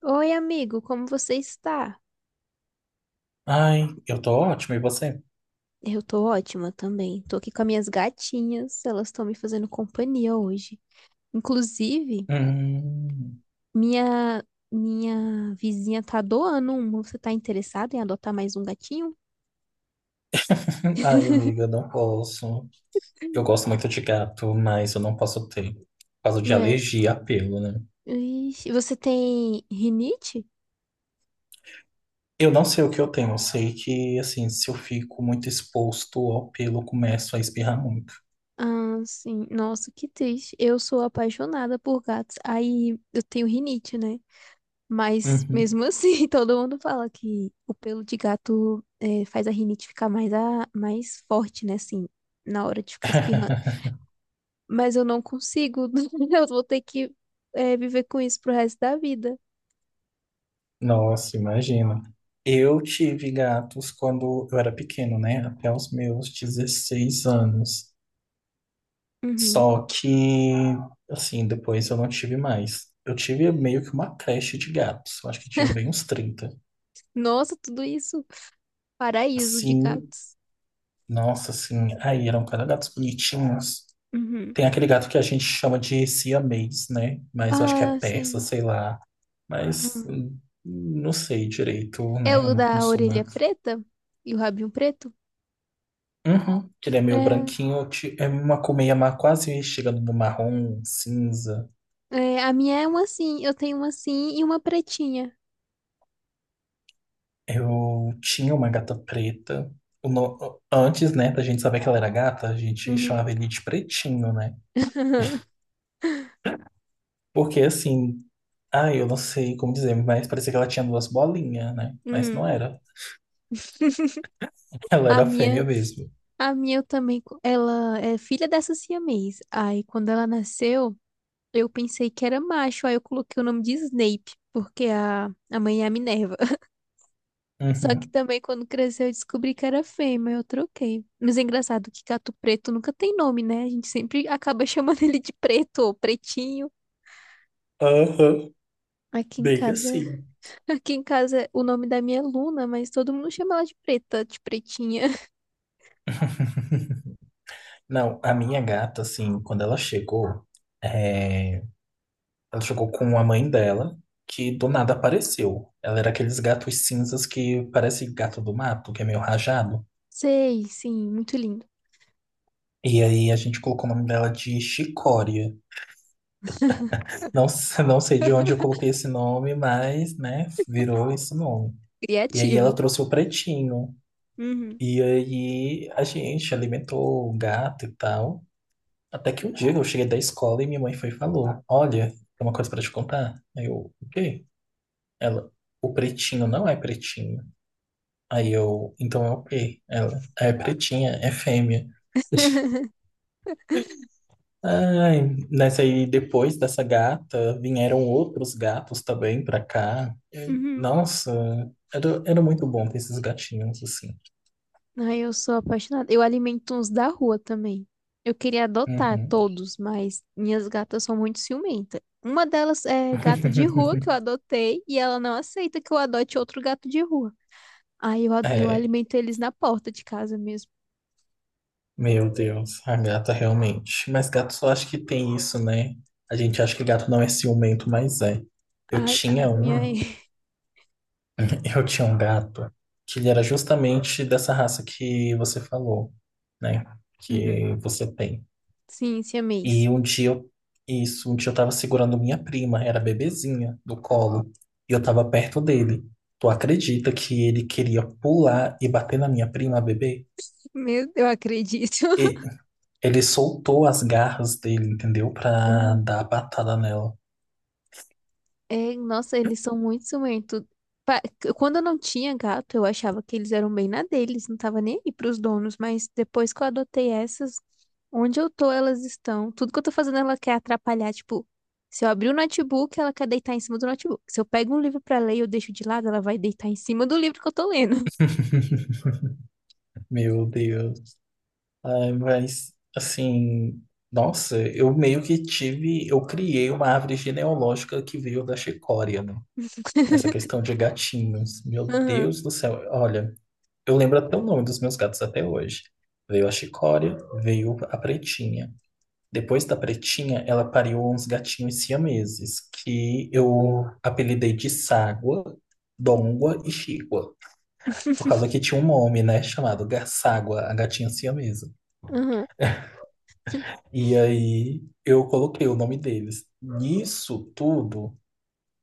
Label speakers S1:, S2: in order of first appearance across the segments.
S1: Oi, amigo, como você está?
S2: Ai, eu tô ótimo e você?
S1: Eu tô ótima também. Tô aqui com as minhas gatinhas, elas estão me fazendo companhia hoje. Inclusive,
S2: Hum.
S1: minha minha vizinha tá doando uma. Você tá interessado em adotar mais um gatinho?
S2: Ai, amiga, não posso. Eu gosto muito de gato, mas eu não posso ter. Por causa de
S1: É.
S2: alergia a pelo, né?
S1: Ixi, você tem rinite?
S2: Eu não sei o que eu tenho. Eu sei que, assim, se eu fico muito exposto ao pelo, eu começo a espirrar muito.
S1: Ah, sim. Nossa, que triste. Eu sou apaixonada por gatos. Aí eu tenho rinite, né? Mas
S2: Uhum.
S1: mesmo assim, todo mundo fala que o pelo de gato é, faz a rinite ficar mais, mais forte, né? Assim, na hora de ficar espirrando. Mas eu não consigo. Eu vou ter que viver com isso pro resto da vida.
S2: Nossa, imagina. Eu tive gatos quando eu era pequeno, né? Até os meus 16 anos.
S1: Uhum.
S2: Só que, assim, depois eu não tive mais. Eu tive meio que uma creche de gatos. Eu acho que tinha bem uns 30.
S1: Nossa, tudo isso. Paraíso de
S2: Sim,
S1: gatos.
S2: nossa, assim. Aí eram cada gatos bonitinhos.
S1: Uhum.
S2: Tem aquele gato que a gente chama de siamês, né? Mas eu acho que é
S1: Ah,
S2: persa,
S1: sim.
S2: sei lá. Mas
S1: Aham.
S2: não sei direito,
S1: É
S2: né? Eu
S1: o
S2: não
S1: da
S2: sou
S1: orelha
S2: muito.
S1: preta e o rabinho preto?
S2: Uhum, que ele é meio
S1: É.
S2: branquinho. É uma colmeia quase chegando no marrom, cinza.
S1: É, a minha é uma assim. Eu tenho uma assim e uma pretinha.
S2: Eu tinha uma gata preta. O no- Antes, né, da gente saber que ela era gata, a gente
S1: Uhum.
S2: chamava ele de pretinho, né? Porque assim, ah, eu não sei como dizer, mas parecia que ela tinha duas bolinhas, né? Mas não
S1: Uhum.
S2: era. Ela
S1: A
S2: era
S1: minha.
S2: fêmea mesmo.
S1: A minha eu também, ela é filha dessa siamês. Aí quando ela nasceu, eu pensei que era macho, aí eu coloquei o nome de Snape, porque a mãe é a Minerva. Só que
S2: Uhum.
S1: também quando cresceu eu descobri que era fêmea, eu troquei. Mas é engraçado que gato preto nunca tem nome, né? A gente sempre acaba chamando ele de preto ou pretinho.
S2: Aham.
S1: Aqui em
S2: Bem
S1: casa,
S2: assim.
S1: aqui em casa o nome da minha é Luna, mas todo mundo chama ela de preta, de pretinha.
S2: Não, a minha gata, assim, quando ela chegou, é, ela chegou com a mãe dela, que do nada apareceu. Ela era aqueles gatos cinzas que parece gato do mato, que é meio rajado.
S1: Sei, sim, muito lindo.
S2: E aí a gente colocou o nome dela de Chicória. Não, não sei de onde eu coloquei esse nome, mas, né, virou esse nome. E aí ela
S1: Criativo.
S2: trouxe o pretinho.
S1: Uhum.
S2: E aí a gente alimentou o gato e tal. Até que um dia eu cheguei da escola e minha mãe foi e falou: olha, tem uma coisa pra te contar. Aí eu, o quê? Ela, o pretinho não é pretinho. Aí eu, então é o quê? Ela, é pretinha, é fêmea. Ai, nessa aí, depois dessa gata, vieram outros gatos também pra cá. E,
S1: Uhum.
S2: nossa, era muito bom ter esses gatinhos assim.
S1: Ai, eu sou apaixonada. Eu alimento uns da rua também. Eu queria adotar
S2: Uhum.
S1: todos, mas minhas gatas são muito ciumentas. Uma delas é gata de rua que eu adotei e ela não aceita que eu adote outro gato de rua. Aí eu, eu
S2: É,
S1: alimento eles na porta de casa mesmo.
S2: meu Deus, a gata realmente. Mas gato só acho que tem isso, né? A gente acha que gato não é ciumento, mas é. Eu
S1: Ai, a
S2: tinha
S1: minha.
S2: um, eu tinha um gato que ele era justamente dessa raça que você falou, né?
S1: Uhum.
S2: Que você tem.
S1: Sim, siamês.
S2: E um dia eu, isso, um dia eu tava segurando minha prima, era bebezinha, do colo, e eu tava perto dele. Tu acredita que ele queria pular e bater na minha prima, a bebê?
S1: Meu, eu acredito.
S2: E ele soltou as garras dele, entendeu? Pra dar a patada nela.
S1: É, nossa, eles são muito ciumentos. Pa- Quando eu não tinha gato, eu achava que eles eram bem na deles, não tava nem aí pros donos, mas depois que eu adotei essas, onde eu tô, elas estão. Tudo que eu tô fazendo, ela quer atrapalhar. Tipo, se eu abrir o notebook, ela quer deitar em cima do notebook. Se eu pego um livro pra ler e eu deixo de lado, ela vai deitar em cima do livro que eu tô lendo.
S2: Meu Deus. Ai, mas, assim, nossa, eu meio que tive, eu criei uma árvore genealógica que veio da Chicória, né? Nessa questão de gatinhos. Meu
S1: Aham,
S2: Deus do céu. Olha. Eu lembro até o nome dos meus gatos até hoje. Veio a Chicória, veio a Pretinha. Depois da Pretinha, ela pariu uns gatinhos siameses, que eu apelidei de Ságua, Dongua e Chigua. Por causa que tinha um nome, né, chamado Ságua, a gatinha siamesa.
S1: aham,
S2: E aí eu coloquei o nome deles. Nisso tudo,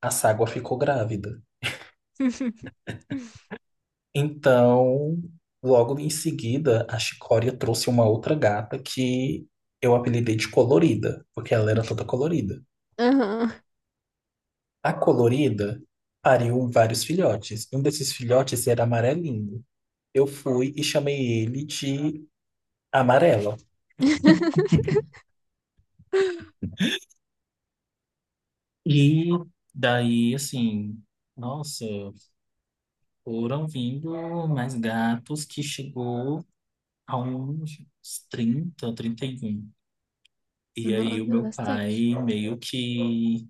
S2: a Ságua ficou grávida. Então, logo em seguida, a Chicória trouxe uma outra gata que eu apelidei de Colorida, porque ela era toda colorida.
S1: aham.
S2: A Colorida pariu vários filhotes. Um desses filhotes era amarelinho. Eu fui e chamei ele de Amarelo. E daí, assim, nossa, foram vindo mais gatos que chegou a uns 30, 31. E aí o
S1: Nossa,
S2: meu
S1: bastante.
S2: pai meio que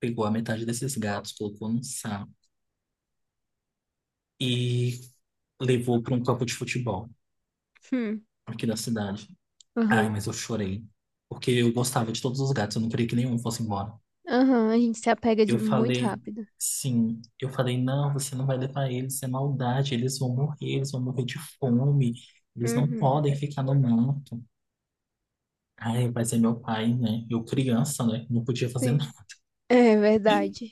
S2: pegou a metade desses gatos, colocou num saco e levou para um campo de futebol
S1: Hum.
S2: aqui da cidade. Ai,
S1: Aham,
S2: mas eu chorei, porque eu gostava de todos os gatos, eu não queria que nenhum fosse embora.
S1: aham. A gente se apega de
S2: Eu
S1: muito
S2: falei,
S1: rápido.
S2: sim, eu falei, não, você não vai levar eles, é maldade, eles vão morrer de fome, eles não
S1: Uhum.
S2: podem ficar no mato. Ai, mas é meu pai, né? Eu criança, né? Não podia fazer
S1: Sim,
S2: nada.
S1: é verdade.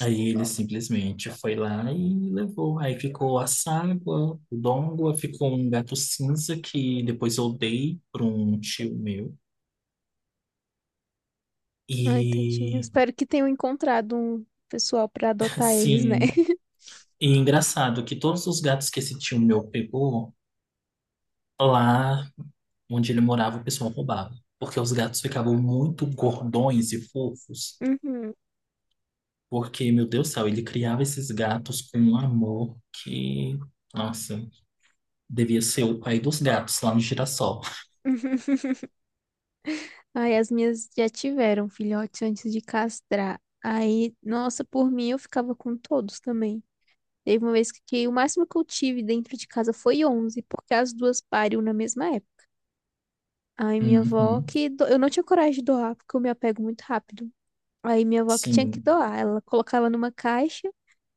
S2: Aí ele simplesmente foi lá e levou. Aí ficou a Ságua, o Dongua, ficou um gato cinza que depois eu dei para um tio meu.
S1: Ai, tadinho.
S2: E
S1: Espero que tenham encontrado um pessoal pra adotar eles, né?
S2: assim, e é engraçado que todos os gatos que esse tio meu pegou, lá onde ele morava, o pessoal roubava. Porque os gatos ficavam muito gordões e fofos.
S1: Uhum.
S2: Porque, meu Deus do céu, ele criava esses gatos com um amor que, nossa, devia ser o pai dos gatos lá no girassol.
S1: Ai, as minhas já tiveram filhotes antes de castrar. Aí, nossa, por mim eu ficava com todos também. Teve uma vez que o máximo que eu tive dentro de casa foi 11 porque as duas pariam na mesma época. Aí minha avó
S2: Uhum.
S1: que eu não tinha coragem de doar, porque eu me apego muito rápido. Aí minha avó que tinha que
S2: Sim,
S1: doar, ela colocava numa caixa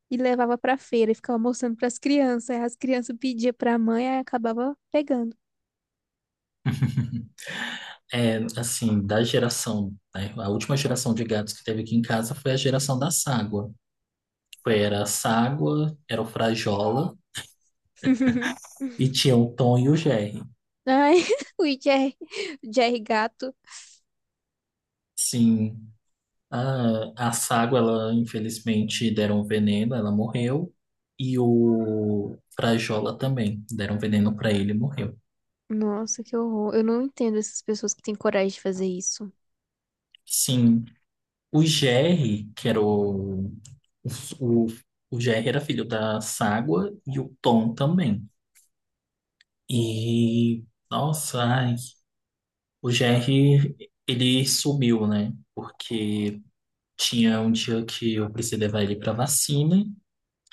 S1: e levava pra feira e ficava mostrando pras crianças. Aí as crianças pediam pra mãe, aí acabava pegando.
S2: é assim, da geração, né? A última geração de gatos que teve aqui em casa foi a geração da Ságua. Era a Ságua, era o Frajola e tinha o Tom e o Jerry.
S1: Ai, o Jerry, o Jerry Gato.
S2: Sim, a Ságua, ela infelizmente deram veneno, ela morreu. E o Frajola também, deram veneno para ele e morreu.
S1: Nossa, que horror. Eu não entendo essas pessoas que têm coragem de fazer isso.
S2: Sim, o Jerry, que era o, o Jerry era filho da Ságua e o Tom também. E, nossa, ai, o GR, ele sumiu, né? Porque tinha um dia que eu precisei levar ele pra vacina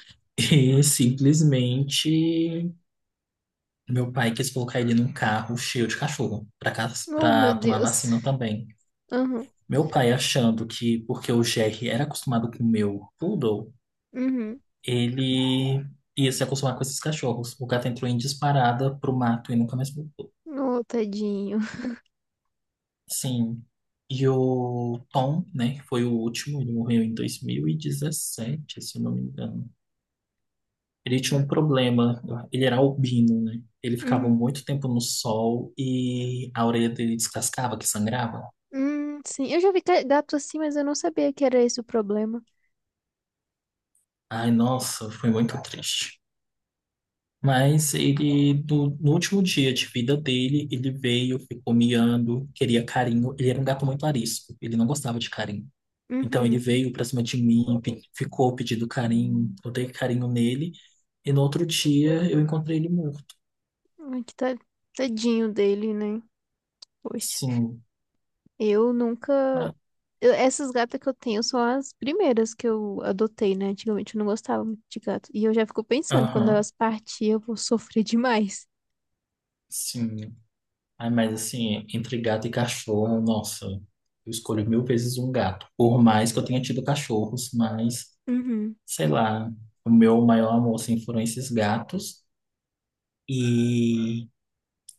S2: e simplesmente meu pai quis colocar ele num carro cheio de cachorro pra
S1: Oh, meu
S2: pra tomar
S1: Deus.
S2: vacina também.
S1: Uhum,
S2: Meu pai achando que, porque o GR era acostumado com o meu poodle,
S1: uhum.
S2: ele ia se acostumar com esses cachorros. O gato entrou em disparada pro mato e nunca mais voltou.
S1: Oh, tadinho.
S2: Sim. E o Tom, né, que foi o último, ele morreu em 2017 se eu não me engano. Ele tinha um problema, ele era albino, né? Ele ficava
S1: Uhum.
S2: muito tempo no sol e a orelha dele descascava, que sangrava.
S1: Sim, eu já vi gato assim, mas eu não sabia que era esse o problema.
S2: Ai, nossa, foi muito triste. Mas ele, no último dia de vida dele, ele veio, ficou miando, queria carinho. Ele era um gato muito arisco, ele não gostava de carinho. Então ele
S1: Uhum.
S2: veio pra cima de mim, ficou pedindo carinho, eu dei carinho nele, e no outro dia eu encontrei ele morto.
S1: Ai, que tadinho dele, né? Poxa,
S2: Sim.
S1: eu nunca
S2: Ah,
S1: eu- essas gatas que eu tenho são as primeiras que eu adotei, né? Antigamente eu não gostava muito de gato. E eu já fico pensando, quando
S2: aham,
S1: elas partirem, eu vou sofrer demais.
S2: sim. Ai, mas assim, entre gato e cachorro, nossa, eu escolho mil vezes um gato. Por mais que eu tenha tido cachorros, mas,
S1: Uhum,
S2: sei lá, o meu maior amor, assim, foram esses gatos. E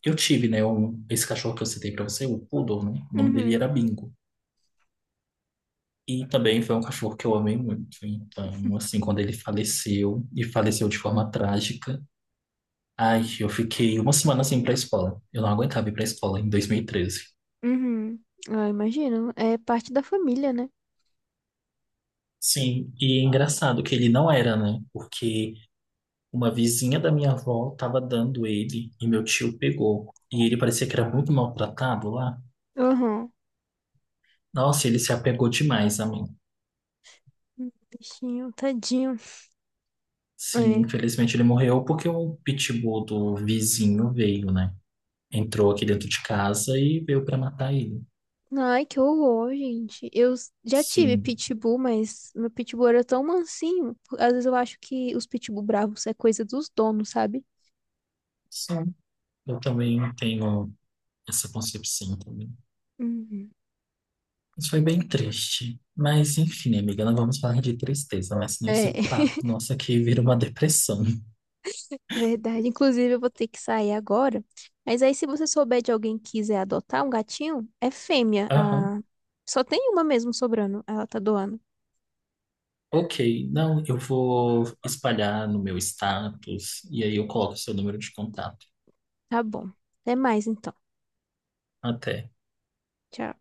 S2: eu tive, né, um, esse cachorro que eu citei pra você, o Poodle, né? O nome dele
S1: uhum,
S2: era Bingo. E também foi um cachorro que eu amei muito. Então, assim, quando ele faleceu, e faleceu de forma trágica, ai, eu fiquei uma semana sem ir pra escola. Eu não aguentava ir pra escola em 2013.
S1: uhum. Ah, imagino. É parte da família, né?
S2: Sim, e é engraçado que ele não era, né? Porque uma vizinha da minha avó tava dando ele e meu tio pegou. E ele parecia que era muito maltratado lá.
S1: Uhum.
S2: Nossa, ele se apegou demais a mim.
S1: Bichinho, tadinho.
S2: Sim,
S1: É.
S2: infelizmente ele morreu porque o pitbull do vizinho veio, né? Entrou aqui dentro de casa e veio para matar ele.
S1: Ai, que horror, gente. Já tive
S2: Sim,
S1: pitbull, mas meu pitbull era tão mansinho. Às vezes eu acho que os pitbull bravos é coisa dos donos, sabe?
S2: sim. Eu também tenho essa concepção também.
S1: Uhum.
S2: Isso foi bem triste. Mas, enfim, amiga, não vamos falar de tristeza, mas senão esse
S1: É.
S2: papo nosso aqui vira uma depressão.
S1: Verdade. Inclusive, eu vou ter que sair agora. Mas aí, se você souber de alguém que quiser adotar um gatinho, é fêmea.
S2: Aham.
S1: A... Só tem uma mesmo sobrando. Ela tá doando.
S2: Ok, não, eu vou espalhar no meu status e aí eu coloco o seu número de contato.
S1: Tá bom. Até mais, então.
S2: Até.
S1: Tchau.